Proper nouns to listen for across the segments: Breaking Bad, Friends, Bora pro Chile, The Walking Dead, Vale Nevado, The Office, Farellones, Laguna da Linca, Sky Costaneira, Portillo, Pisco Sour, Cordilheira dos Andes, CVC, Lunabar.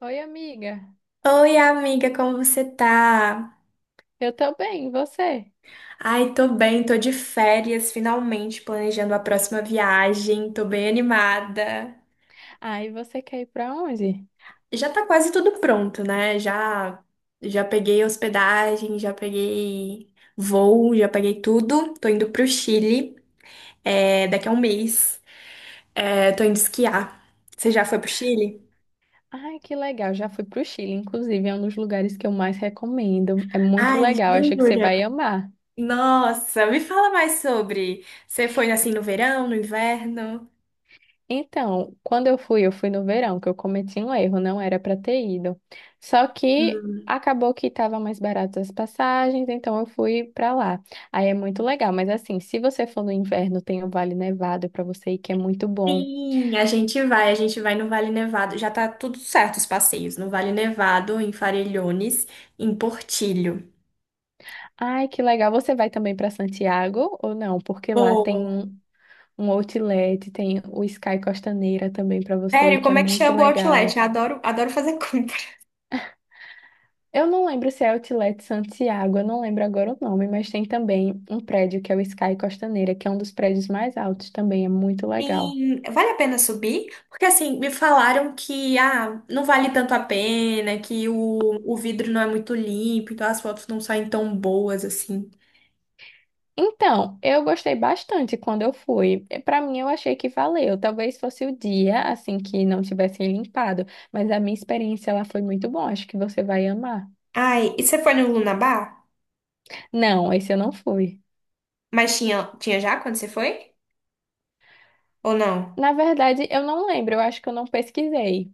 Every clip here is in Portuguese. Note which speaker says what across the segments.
Speaker 1: Oi, amiga.
Speaker 2: Oi, amiga, como você tá?
Speaker 1: Eu tô bem, e você?
Speaker 2: Ai, tô bem, tô de férias, finalmente planejando a próxima viagem, tô bem animada.
Speaker 1: Ah, e você quer ir pra onde?
Speaker 2: Já tá quase tudo pronto, né? Já peguei hospedagem, já peguei voo, já peguei tudo. Tô indo pro Chile, é, daqui a um mês. É, tô indo esquiar. Você já foi pro Chile?
Speaker 1: Ai, que legal. Já fui pro Chile, inclusive, é um dos lugares que eu mais recomendo. É muito
Speaker 2: Ai,
Speaker 1: legal, acho que você
Speaker 2: jura?
Speaker 1: vai amar.
Speaker 2: Nossa, me fala mais sobre. Você foi assim no verão, no inverno?
Speaker 1: Então, quando eu fui no verão, que eu cometi um erro, não era pra ter ido. Só que acabou que tava mais barato as passagens, então eu fui pra lá. Aí é muito legal, mas assim, se você for no inverno, tem o Vale Nevado pra você ir, que é muito bom.
Speaker 2: Sim, a gente vai no Vale Nevado. Já tá tudo certo os passeios, no Vale Nevado, em Farellones, em Portillo.
Speaker 1: Ai, que legal. Você vai também para Santiago ou não? Porque lá tem
Speaker 2: Boa.
Speaker 1: um outlet, tem o Sky Costaneira também para você ir,
Speaker 2: Sério,
Speaker 1: que é
Speaker 2: como é que
Speaker 1: muito
Speaker 2: chama o outlet?
Speaker 1: legal.
Speaker 2: Eu adoro, adoro fazer compra.
Speaker 1: Eu não lembro se é Outlet Santiago, eu não lembro agora o nome, mas tem também um prédio que é o Sky Costaneira, que é um dos prédios mais altos também, é muito legal.
Speaker 2: Sim, vale a pena subir? Porque assim, me falaram que ah, não vale tanto a pena, que o vidro não é muito limpo, então as fotos não saem tão boas assim.
Speaker 1: Então, eu gostei bastante quando eu fui. Para mim, eu achei que valeu. Talvez fosse o dia, assim, que não tivessem limpado, mas a minha experiência lá foi muito bom. Acho que você vai amar.
Speaker 2: Ai, e você foi no Lunabar?
Speaker 1: Não, esse eu não fui.
Speaker 2: Mas tinha já quando você foi? Ou não?
Speaker 1: Na verdade, eu não lembro, eu acho que eu não pesquisei.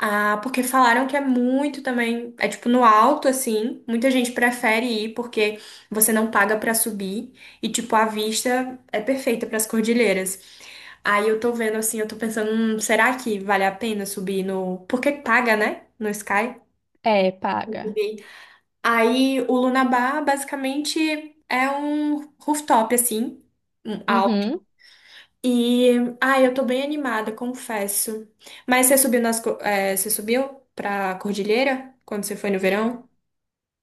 Speaker 2: Ah, porque falaram que é muito também, é tipo no alto assim, muita gente prefere ir porque você não paga pra subir e tipo a vista é perfeita pras cordilheiras. Aí eu tô vendo assim, eu tô pensando, será que vale a pena subir no, porque paga, né? No Sky,
Speaker 1: É,
Speaker 2: pra
Speaker 1: paga.
Speaker 2: subir. Aí o Lunabar basicamente é um rooftop assim, um alto.
Speaker 1: Uhum.
Speaker 2: E, ai, eu tô bem animada, confesso. Mas você subiu você subiu pra cordilheira quando você foi no verão?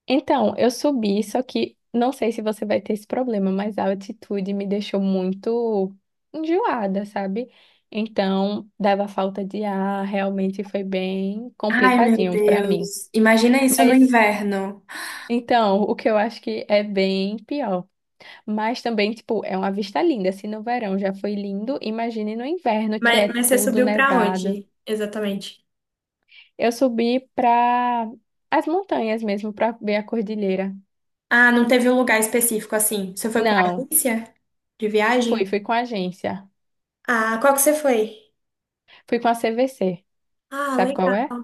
Speaker 1: Então, eu subi, só que não sei se você vai ter esse problema, mas a altitude me deixou muito enjoada, sabe? Então, dava falta de ar, realmente foi bem
Speaker 2: Ai, meu
Speaker 1: complicadinho pra mim.
Speaker 2: Deus. Imagina isso no
Speaker 1: Mas,
Speaker 2: inverno.
Speaker 1: então, o que eu acho que é bem pior. Mas também, tipo, é uma vista linda. Se no verão já foi lindo, imagine no inverno que
Speaker 2: Mas,
Speaker 1: é
Speaker 2: mas você
Speaker 1: tudo
Speaker 2: subiu pra
Speaker 1: nevado.
Speaker 2: onde, exatamente?
Speaker 1: Eu subi para as montanhas mesmo, para ver a cordilheira.
Speaker 2: Ah, não teve um lugar específico assim. Você foi com a
Speaker 1: Não,
Speaker 2: agência de
Speaker 1: fui,
Speaker 2: viagem?
Speaker 1: fui com a agência.
Speaker 2: Ah, qual que você foi?
Speaker 1: Fui com a CVC.
Speaker 2: Ah,
Speaker 1: Sabe qual
Speaker 2: legal.
Speaker 1: é?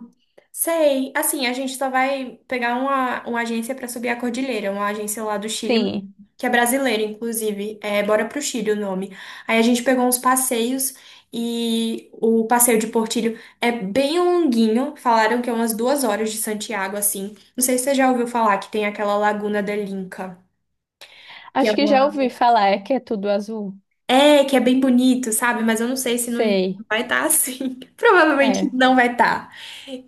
Speaker 2: Sei. Assim, a gente só vai pegar uma agência para subir a cordilheira, uma agência lá do Chile,
Speaker 1: Sim.
Speaker 2: que é brasileira, inclusive. É Bora pro Chile o nome. Aí a gente pegou uns passeios e o passeio de Portillo é bem longuinho. Falaram que é umas 2 horas de Santiago, assim. Não sei se você já ouviu falar que tem aquela Laguna da Linca.
Speaker 1: Acho que já ouvi falar, é que é tudo azul.
Speaker 2: É, que é bem bonito, sabe? Mas eu não sei se no inverno
Speaker 1: Sei.
Speaker 2: vai estar assim. Provavelmente
Speaker 1: É.
Speaker 2: não vai estar.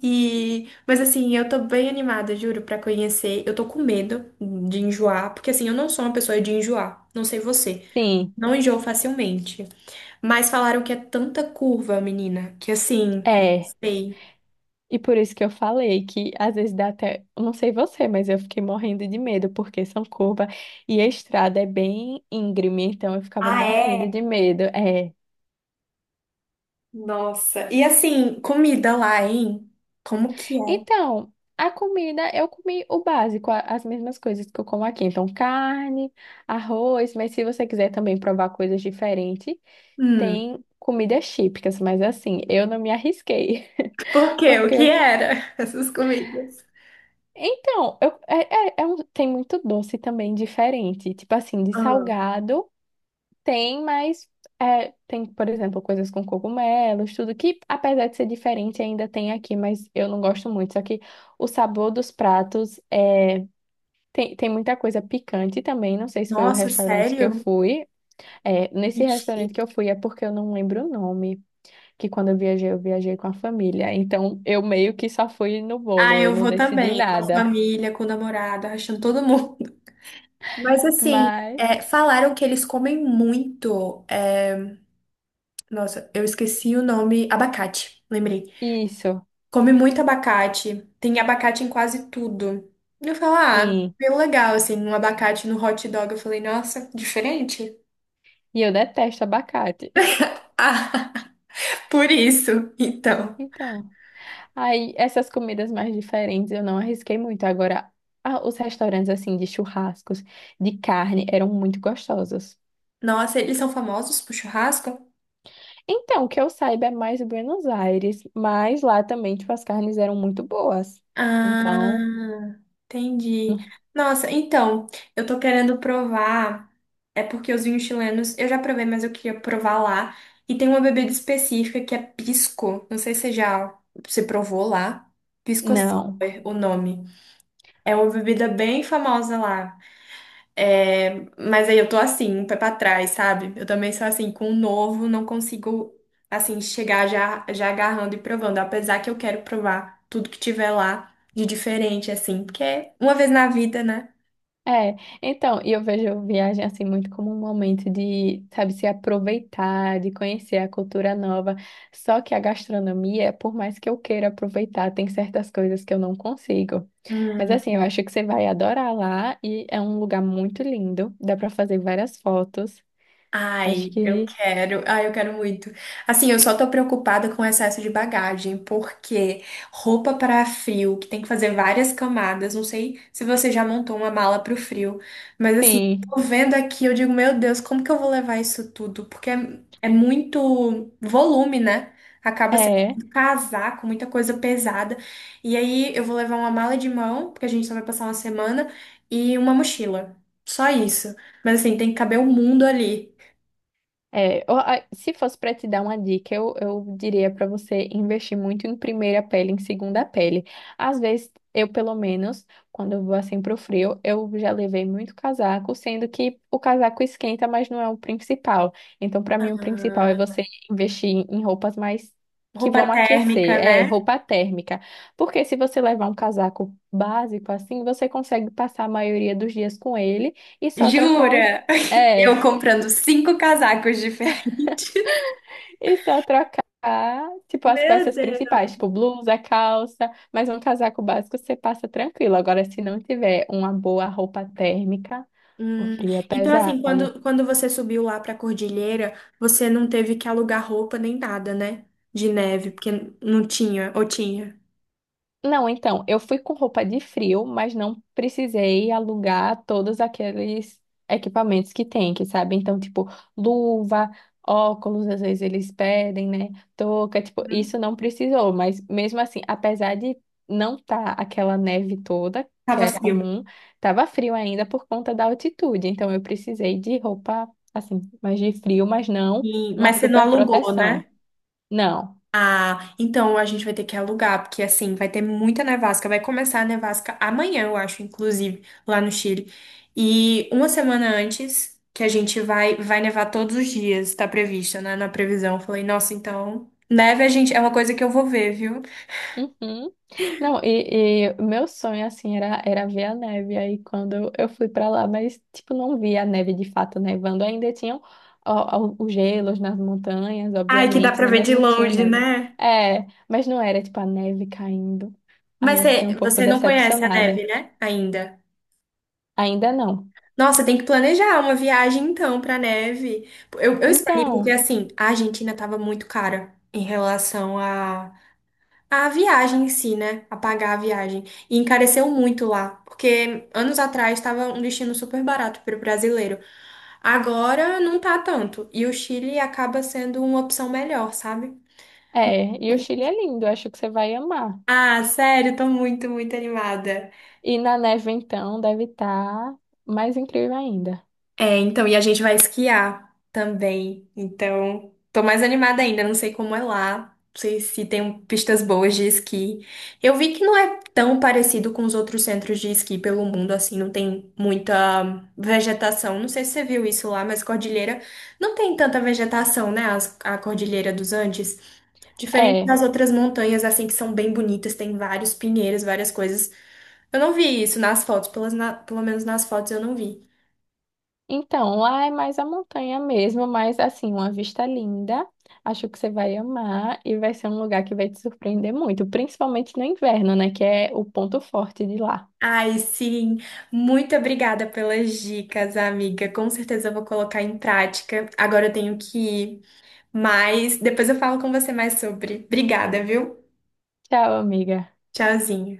Speaker 2: E, mas assim, eu tô bem animada, juro, pra conhecer. Eu tô com medo de enjoar, porque assim, eu não sou uma pessoa de enjoar. Não sei você.
Speaker 1: Sim.
Speaker 2: Não enjoo facilmente. Mas falaram que é tanta curva, menina, que assim,
Speaker 1: É.
Speaker 2: sei.
Speaker 1: E por isso que eu falei que às vezes dá até, eu não sei você, mas eu fiquei morrendo de medo porque são curvas e a estrada é bem íngreme, então eu ficava
Speaker 2: Ah,
Speaker 1: morrendo
Speaker 2: é?
Speaker 1: de medo. É.
Speaker 2: Nossa. E assim, comida lá, hein? Como que é?
Speaker 1: Então, a comida, eu comi o básico, as mesmas coisas que eu como aqui. Então, carne, arroz, mas se você quiser também provar coisas diferentes,
Speaker 2: Hum,
Speaker 1: tem comidas típicas, mas assim, eu não me arrisquei.
Speaker 2: por quê? O que
Speaker 1: Porque,
Speaker 2: era? Essas comidas.
Speaker 1: então, eu, é, é- é um- tem muito doce também diferente. Tipo assim, de
Speaker 2: Ah.
Speaker 1: salgado tem, mas tem, por exemplo, coisas com cogumelos, tudo que, apesar de ser diferente, ainda tem aqui, mas eu não gosto muito. Só que o sabor dos pratos é. Tem muita coisa picante também. Não sei se foi o
Speaker 2: Nossa,
Speaker 1: restaurante que eu
Speaker 2: sério?
Speaker 1: fui. É, nesse
Speaker 2: Ixi.
Speaker 1: restaurante que eu fui é porque eu não lembro o nome. Que quando eu viajei com a família. Então eu meio que só fui no
Speaker 2: Ah,
Speaker 1: bolo. Eu
Speaker 2: eu
Speaker 1: não
Speaker 2: vou
Speaker 1: decidi
Speaker 2: também, com a
Speaker 1: nada.
Speaker 2: família, com o namorado, achando todo mundo. Mas assim,
Speaker 1: Mas
Speaker 2: é, falaram que eles comem muito. É, nossa, eu esqueci o nome. Abacate, lembrei.
Speaker 1: isso,
Speaker 2: Come muito abacate. Tem abacate em quase tudo. Eu falo, ah,
Speaker 1: sim.
Speaker 2: bem legal, assim, um abacate no hot dog. Eu falei, nossa, diferente.
Speaker 1: E eu detesto abacate.
Speaker 2: Ah, por isso, então.
Speaker 1: Então, aí essas comidas mais diferentes eu não arrisquei muito. Agora, ah, os restaurantes assim de churrascos, de carne, eram muito gostosos.
Speaker 2: Nossa, eles são famosos pro churrasco?
Speaker 1: Então, que eu saiba é mais Buenos Aires, mas lá também, tipo, as carnes eram muito boas. Então,
Speaker 2: Ah, entendi. Nossa, então, eu tô querendo provar. É porque os vinhos chilenos eu já provei, mas eu queria provar lá. E tem uma bebida específica que é pisco. Não sei se você já se provou lá. Pisco Sour,
Speaker 1: não.
Speaker 2: o nome. É uma bebida bem famosa lá. É, mas aí eu tô assim, um pé pra trás, sabe? Eu também sou assim, com o novo, não consigo, assim, chegar já, já agarrando e provando. Apesar que eu quero provar tudo que tiver lá de diferente, assim, porque é uma vez na vida, né?
Speaker 1: É, então, e eu vejo viagem assim muito como um momento de, sabe, se aproveitar, de conhecer a cultura nova. Só que a gastronomia, por mais que eu queira aproveitar, tem certas coisas que eu não consigo. Mas assim, eu acho que você vai adorar lá e é um lugar muito lindo, dá pra fazer várias fotos. Acho que
Speaker 2: Ai, eu quero muito. Assim, eu só tô preocupada com o excesso de bagagem, porque roupa para frio, que tem que fazer várias camadas, não sei se você já montou uma mala pro frio, mas assim,
Speaker 1: sim.
Speaker 2: tô vendo aqui, eu digo, meu Deus, como que eu vou levar isso tudo? Porque é, é muito volume, né? Acaba sendo
Speaker 1: É.
Speaker 2: um casaco, muita coisa pesada. E aí eu vou levar uma mala de mão, porque a gente só vai passar uma semana, e uma mochila. Só isso. Mas assim, tem que caber o mundo ali.
Speaker 1: É, ó, se fosse para te dar uma dica, eu diria para você investir muito em primeira pele, em segunda pele. Às vezes, eu pelo menos, quando eu vou assim pro frio, eu já levei muito casaco, sendo que o casaco esquenta, mas não é o principal. Então, para mim, o principal é
Speaker 2: Ah,
Speaker 1: você investir em roupas mais que
Speaker 2: roupa
Speaker 1: vão aquecer,
Speaker 2: térmica,
Speaker 1: é
Speaker 2: né?
Speaker 1: roupa térmica. Porque se você levar um casaco básico assim, você consegue passar a maioria dos dias com ele e só trocar
Speaker 2: Jura?
Speaker 1: é,
Speaker 2: Eu comprando cinco casacos diferentes.
Speaker 1: e só trocar, tipo, as
Speaker 2: Meu
Speaker 1: peças
Speaker 2: Deus.
Speaker 1: principais, tipo, blusa, calça, mas um casaco básico você passa tranquilo. Agora, se não tiver uma boa roupa térmica, o
Speaker 2: Hum,
Speaker 1: frio é
Speaker 2: então, assim,
Speaker 1: pesado.
Speaker 2: quando você subiu lá pra Cordilheira, você não teve que alugar roupa nem nada, né? De neve, porque não tinha, ou tinha.
Speaker 1: Não, então, eu fui com roupa de frio, mas não precisei alugar todos aqueles equipamentos que tem, que sabe? Então, tipo, luva, óculos, às vezes eles pedem, né? Touca, tipo,
Speaker 2: Uhum.
Speaker 1: isso não precisou, mas mesmo assim, apesar de não estar aquela neve toda, que
Speaker 2: Tava
Speaker 1: é
Speaker 2: frio.
Speaker 1: comum, tava frio ainda por conta da altitude, então eu precisei de roupa, assim, mais de frio, mas não
Speaker 2: E-
Speaker 1: uma
Speaker 2: mas você não
Speaker 1: super
Speaker 2: alugou, né?
Speaker 1: proteção. Não.
Speaker 2: Ah, então a gente vai ter que alugar, porque assim, vai ter muita nevasca. Vai começar a nevasca amanhã, eu acho, inclusive, lá no Chile. E uma semana antes, que a gente vai nevar todos os dias, tá previsto, né, na previsão. Eu Falei, nossa, então, neve a gente é uma coisa que eu vou ver, viu?
Speaker 1: Uhum. Não, e meu sonho, assim, era ver a neve. Aí quando eu fui pra lá, mas, tipo, não vi a neve de fato nevando. Ainda tinham ó, os gelos nas montanhas,
Speaker 2: Ai, que dá
Speaker 1: obviamente,
Speaker 2: pra
Speaker 1: né?
Speaker 2: ver
Speaker 1: Mas
Speaker 2: de
Speaker 1: não tinha
Speaker 2: longe,
Speaker 1: neve.
Speaker 2: né?
Speaker 1: É, mas não era, tipo, a neve caindo.
Speaker 2: Mas
Speaker 1: Aí eu fiquei
Speaker 2: você,
Speaker 1: um pouco
Speaker 2: você não conhece a neve,
Speaker 1: decepcionada.
Speaker 2: né? Ainda.
Speaker 1: Ainda não.
Speaker 2: Nossa, tem que planejar uma viagem então pra neve. Eu escolhi porque
Speaker 1: Então,
Speaker 2: assim, a Argentina tava muito cara em relação a A viagem em si, né? Apagar a viagem. E encareceu muito lá, porque anos atrás estava um destino super barato para o brasileiro. Agora não tá tanto. E o Chile acaba sendo uma opção melhor, sabe?
Speaker 1: é, e o Chile é lindo, acho que você vai amar.
Speaker 2: Ah, sério, tô muito, muito animada.
Speaker 1: E na neve, então, deve estar mais incrível ainda.
Speaker 2: É, então, e a gente vai esquiar também. Então, tô mais animada ainda, não sei como é lá, não sei se tem pistas boas de esqui. Eu vi que não é tão parecido com os outros centros de esqui pelo mundo, assim, não tem muita vegetação. Não sei se você viu isso lá, mas cordilheira não tem tanta vegetação, né? As- a cordilheira dos Andes, diferente
Speaker 1: É.
Speaker 2: das outras montanhas, assim, que são bem bonitas, tem vários pinheiros, várias coisas. Eu não vi isso nas fotos, pelo menos nas fotos eu não vi.
Speaker 1: Então, lá é mais a montanha mesmo, mas assim, uma vista linda. Acho que você vai amar e vai ser um lugar que vai te surpreender muito, principalmente no inverno, né? Que é o ponto forte de lá.
Speaker 2: Ai, sim. Muito obrigada pelas dicas, amiga. Com certeza eu vou colocar em prática. Agora eu tenho que ir, mas depois eu falo com você mais sobre. Obrigada, viu?
Speaker 1: Tchau, amiga.
Speaker 2: Tchauzinho.